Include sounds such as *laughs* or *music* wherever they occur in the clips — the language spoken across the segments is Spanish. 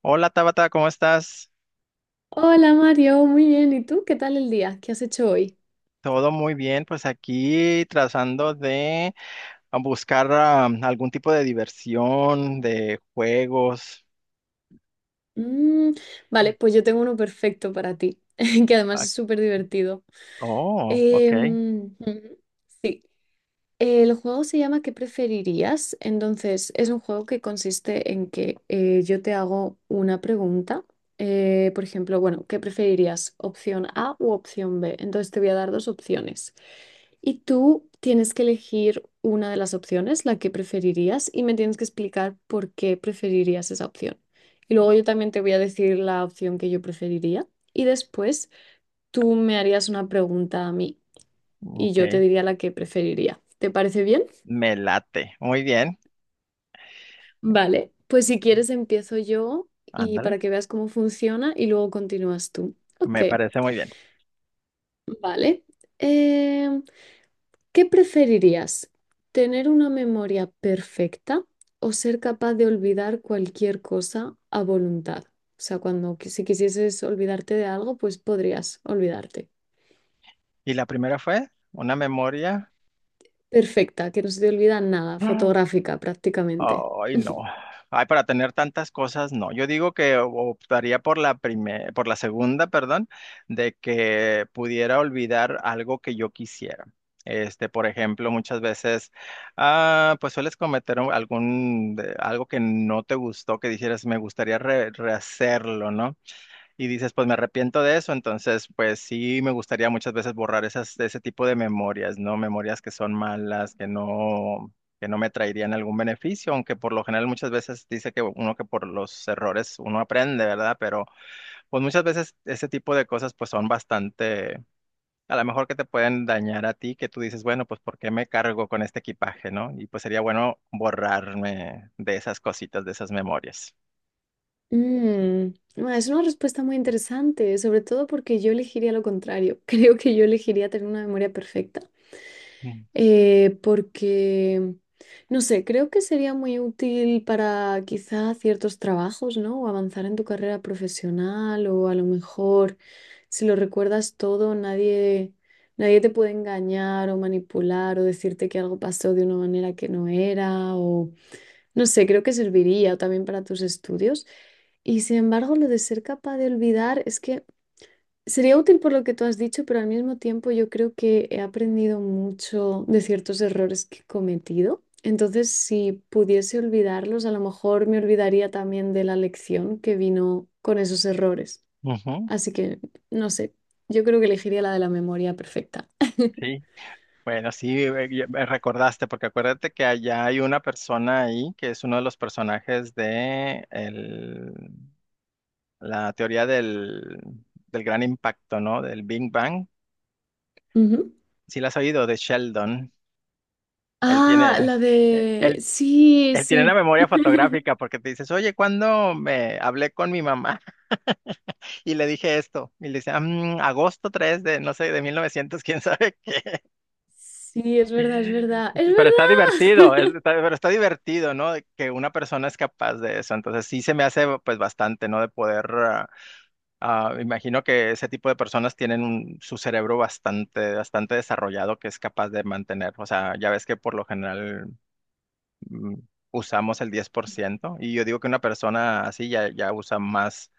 Hola Tabata, ¿cómo estás? Hola Mario, muy bien. ¿Y tú? ¿Qué tal el día? ¿Qué has hecho hoy? Todo muy bien, pues aquí tratando de buscar algún tipo de diversión, de juegos. Mm, vale, pues yo tengo uno perfecto para ti, *laughs* que además Ah, es súper divertido. oh, ok, Ujú, sí. El juego se llama ¿Qué preferirías? Entonces, es un juego que consiste en que yo te hago una pregunta. Por ejemplo, bueno, ¿qué preferirías? ¿Opción A u opción B? Entonces te voy a dar dos opciones. Y tú tienes que elegir una de las opciones, la que preferirías, y me tienes que explicar por qué preferirías esa opción. Y luego yo también te voy a decir la opción que yo preferiría. Y después tú me harías una pregunta a mí y ok. yo te diría la que preferiría. ¿Te parece bien? Me late. Muy bien, Vale, pues si quieres empiezo yo y para ándale, que veas cómo funciona y luego continúas tú. Ok, me parece muy bien. vale. Em, ¿Qué preferirías? ¿Tener una memoria perfecta o ser capaz de olvidar cualquier cosa a voluntad? O sea, cuando si quisieses olvidarte de algo, pues podrías olvidarte. ¿Y la primera fue una memoria? Perfecta, que no se te olvida nada, *gasps* fotográfica prácticamente. Ay, no. *laughs* Ay, para tener tantas cosas, no. Yo digo que optaría por la primera, por la segunda, perdón, de que pudiera olvidar algo que yo quisiera. Este, por ejemplo, muchas veces, pues sueles cometer algún, algo que no te gustó, que dijeras, me gustaría rehacerlo, ¿no? Y dices, pues me arrepiento de eso, entonces pues sí me gustaría muchas veces borrar esas, ese tipo de memorias, ¿no? Memorias que son malas, que no me traerían algún beneficio, aunque por lo general muchas veces dice que uno que por los errores uno aprende, ¿verdad? Pero pues muchas veces ese tipo de cosas pues son bastante, a lo mejor que te pueden dañar a ti, que tú dices, bueno, pues ¿por qué me cargo con este equipaje, ¿no? Y pues sería bueno borrarme de esas cositas, de esas memorias. Mm, ah, es una respuesta muy interesante, sobre todo porque yo elegiría lo contrario. *laughs* Creo que yo elegiría tener una memoria perfecta, Mm. Porque, no sé, creo que sería muy útil para quizá ciertos trabajos, ¿no? O avanzar en tu carrera profesional, o a lo mejor, si lo recuerdas todo, nadie te puede engañar o manipular o decirte que algo pasó de una manera que no era. No sé, creo que serviría también para tus estudios. Y sin embargo, lo de ser capaz de olvidar es que sería útil por lo que tú has dicho, pero al mismo tiempo yo creo que he aprendido mucho de ciertos errores que he cometido. Entonces, si pudiese olvidarlos, a lo mejor me olvidaría también de la lección que vino con esos errores. Ujú. Así que, no sé, yo creo que elegiría la de la memoria perfecta. Sí. Bueno, sí, ya me recordaste, porque acuérdate que allá hay una persona ahí que es uno de los personajes de la teoría del, del gran impacto, ¿no? Del Big Bang. Ujú. Sí, la has oído, de Sheldon. Él Ah, tiene, la eh, de, él, sí, Él tiene una sí. memoria fotográfica *laughs* porque te dices, oye, ¿cuándo me hablé con mi mamá? *laughs* Y le dije esto. Y le dice, "Ah, mm, agosto 3 de, no sé, de 1900, *laughs* quién sabe qué". Sí, es verdad, es verdad, es Pero está divertido, verdad. *laughs* Pero está divertido, ¿no? De que una persona es capaz de eso. Entonces sí se me hace pues bastante, ¿no? De poder, imagino que ese tipo de personas tienen su cerebro bastante, bastante desarrollado que es capaz de mantener. O sea, ya ves que por lo general mm, usamos el 10% y yo digo que una persona así ya, ya usa más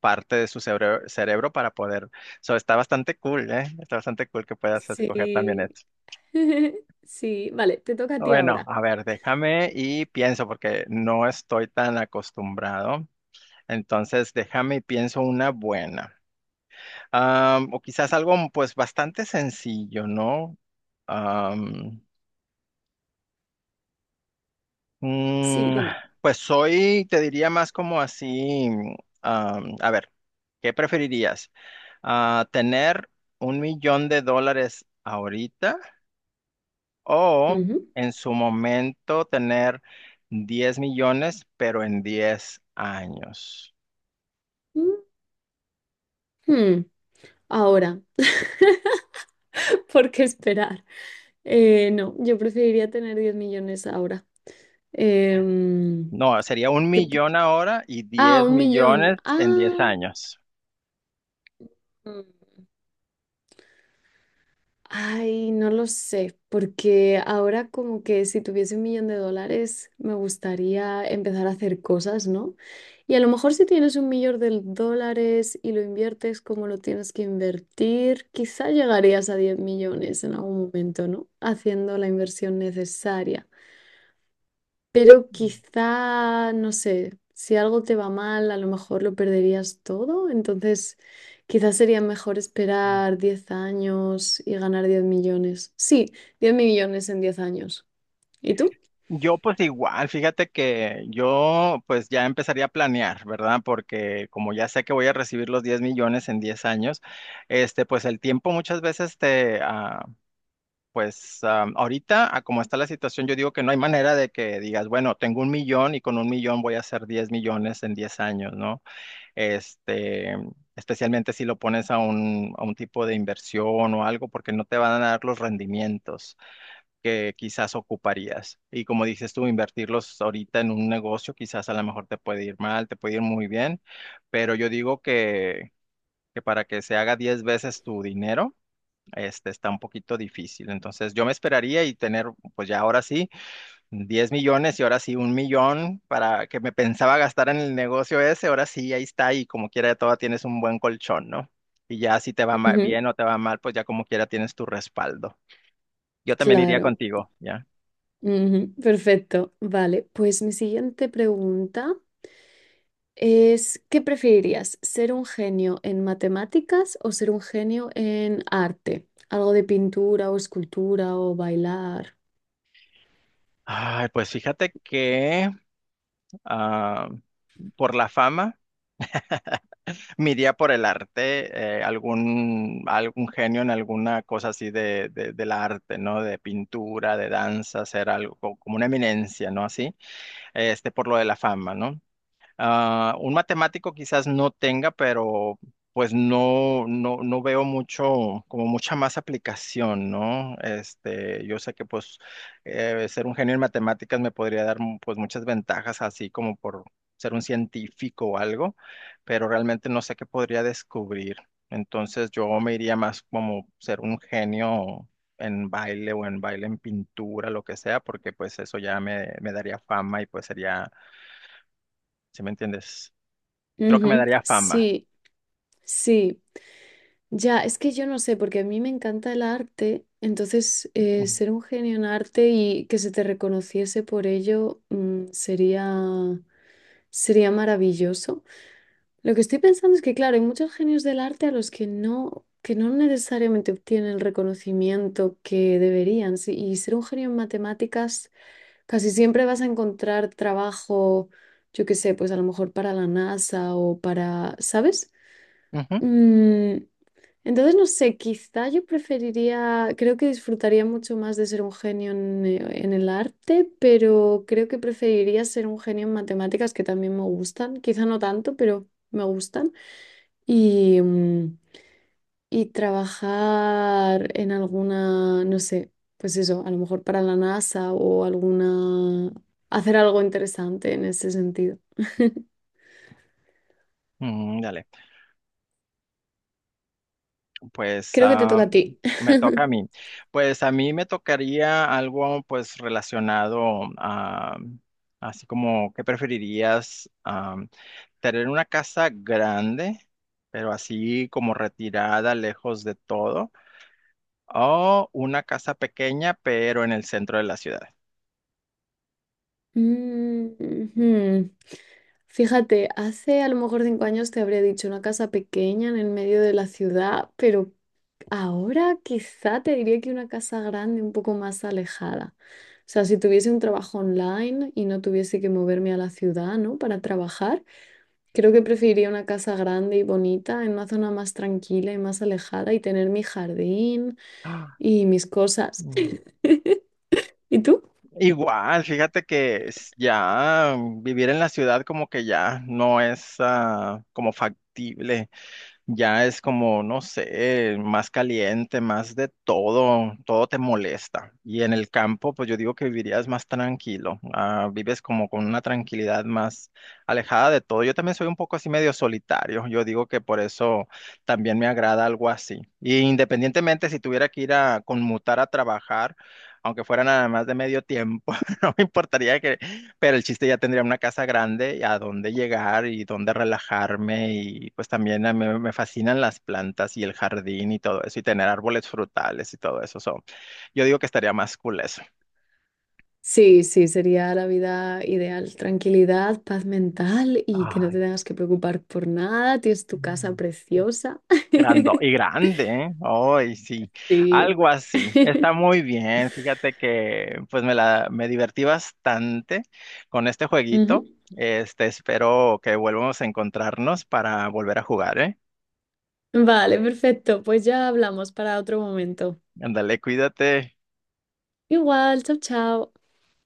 parte de su cerebro, cerebro para poder. So, está bastante cool, ¿eh? Está bastante cool que puedas escoger también Sí, eso. *laughs* sí, vale, te toca a ti Bueno, ahora. a ver, déjame y pienso porque no estoy tan acostumbrado. Entonces, déjame y pienso una buena. O quizás algo pues bastante sencillo, ¿no? Am, Sí, mm, dime. pues soy, te diría más como así, a ver, ¿qué preferirías? ¿Tener 1 millón de dólares ahorita? O Ujú. en su momento tener 10 millones, pero en 10 años. Ujú. Ahora, *laughs* ¿por qué esperar? No, yo preferiría tener 10 millones ahora. Em, No, sería un que- millón ahora y ah, 10 1 millón. millones en 10 Ah. años. Ay, no lo sé, porque ahora como que si tuviese 1 millón de dólares me gustaría empezar a hacer cosas, ¿no? Y a lo mejor si tienes 1 millón de dólares y lo inviertes como lo tienes que invertir, quizá llegarías a 10 millones en algún momento, ¿no? Haciendo la inversión necesaria. Pero quizá, no sé, si algo te va mal, a lo mejor lo perderías todo. Entonces, quizás sería mejor esperar 10 años y ganar 10 millones. Sí, 10 millones en 10 años. ¿Y tú? Yo pues igual, fíjate que yo pues ya empezaría a planear, ¿verdad? Porque como ya sé que voy a recibir los 10 millones en 10 años, este pues el tiempo muchas veces te, pues ahorita, a como está la situación, yo digo que no hay manera de que digas, bueno, tengo 1 millón y con 1 millón voy a hacer 10 millones en 10 años, ¿no? Este, especialmente si lo pones a un tipo de inversión o algo, porque no te van a dar los rendimientos que quizás ocuparías. Y como dices tú, invertirlos ahorita en un negocio, quizás a lo mejor te puede ir mal, te puede ir muy bien, pero yo digo que para que se haga 10 veces tu dinero, este, está un poquito difícil. Entonces yo me esperaría y tener, pues ya ahora sí, 10 millones y ahora sí 1 millón para que me pensaba gastar en el negocio ese, ahora sí, ahí está y como quiera toda tienes un buen colchón, ¿no? Y ya si te va Ujú. bien o te va mal, pues ya como quiera tienes tu respaldo. Yo también iría Claro. contigo, ¿ya? Ujú. Perfecto. Vale, pues mi siguiente pregunta es, ¿qué preferirías? ¿Ser un genio en matemáticas o ser un genio en arte? Algo de pintura o escultura o bailar. Ay, pues fíjate que ah, por la fama. Mi día por el arte, algún genio en alguna cosa así de, del arte, ¿no? De pintura, de danza, ser algo como una eminencia, ¿no? Así, este, por lo de la fama, ¿no? Ah, un matemático quizás no tenga, pero pues no, no, no veo mucho, como mucha más aplicación, ¿no? Este, yo sé que pues ser un genio en matemáticas me podría dar pues muchas ventajas, así como por ser un científico o algo, pero realmente no sé qué podría descubrir. Entonces yo me iría más como ser un genio en baile en pintura, lo que sea, porque pues eso ya me daría fama y pues sería, ¿sí me entiendes? Creo que me Ujú. daría fama. Sí. Sí, ya, es que yo no sé, porque a mí me encanta el arte, entonces ser un genio en arte y que se te reconociese por ello, sería maravilloso. Lo que estoy pensando es que, claro, hay muchos genios del arte a los que no necesariamente obtienen el reconocimiento que deberían. Sí. Y ser un genio en matemáticas, casi siempre vas a encontrar trabajo, yo qué sé, pues a lo mejor para la NASA o para, ¿sabes? Ujú. Mm, entonces, no sé, quizá yo preferiría, creo que disfrutaría mucho más de ser un genio en el arte, pero creo que preferiría ser un genio en matemáticas, que también me gustan, quizá no tanto, pero me gustan, y, mm, y trabajar en alguna, no sé, pues eso, a lo mejor para la NASA o alguna, hacer algo interesante en ese sentido. *laughs* Dale. Pues Creo que te toca a ti. me toca a mí. Pues a mí me tocaría algo pues relacionado a, así como, ¿qué preferirías? Ah, tener una casa grande, pero así como retirada, lejos de todo, o una casa pequeña, pero en el centro de la ciudad. Mm. Ujú. Fíjate, hace a lo mejor 5 años te habría dicho una casa pequeña en el medio de la ciudad, pero ahora quizá te diría que una casa grande un poco más alejada. O sea, si tuviese un trabajo online y no tuviese que moverme a la ciudad, ¿no? Para trabajar, creo que preferiría una casa grande y bonita en una zona más tranquila y más alejada y tener mi jardín *gasps* Ah, y mis cosas. *laughs* ¿Y tú? igual, fíjate que ya vivir en la ciudad como que ya no es como factible. Ya es como, no sé, más caliente, más de todo, todo te molesta. Y en el campo, pues yo digo que vivirías más tranquilo, vives como con una tranquilidad más alejada de todo. Yo también soy un poco así medio solitario, yo digo que por eso también me agrada algo así. Y independientemente si tuviera que ir a conmutar a trabajar, aunque fuera nada más de medio tiempo, *laughs* no me importaría que pero el chiste ya tendría una casa grande a dónde llegar y dónde relajarme y pues también a mí me fascinan las plantas y el jardín y todo eso y tener árboles frutales y todo eso. So, yo digo que estaría más cool eso. Sí, sí, sería la vida ideal. Tranquilidad, paz mental y que no Ay, te tengas que preocupar por nada. Tienes tu casa mm. preciosa. Grando y *laughs* grande, ¿eh? Ay, sí, Sí. algo así. Está muy bien. Fíjate que pues me la me divertí bastante con este jueguito. Este, espero que volvamos a encontrarnos para volver a jugar, ¿eh? Ujú. Vale, perfecto. Pues ya hablamos para otro momento. Ándale, cuídate. Igual, chao, chao.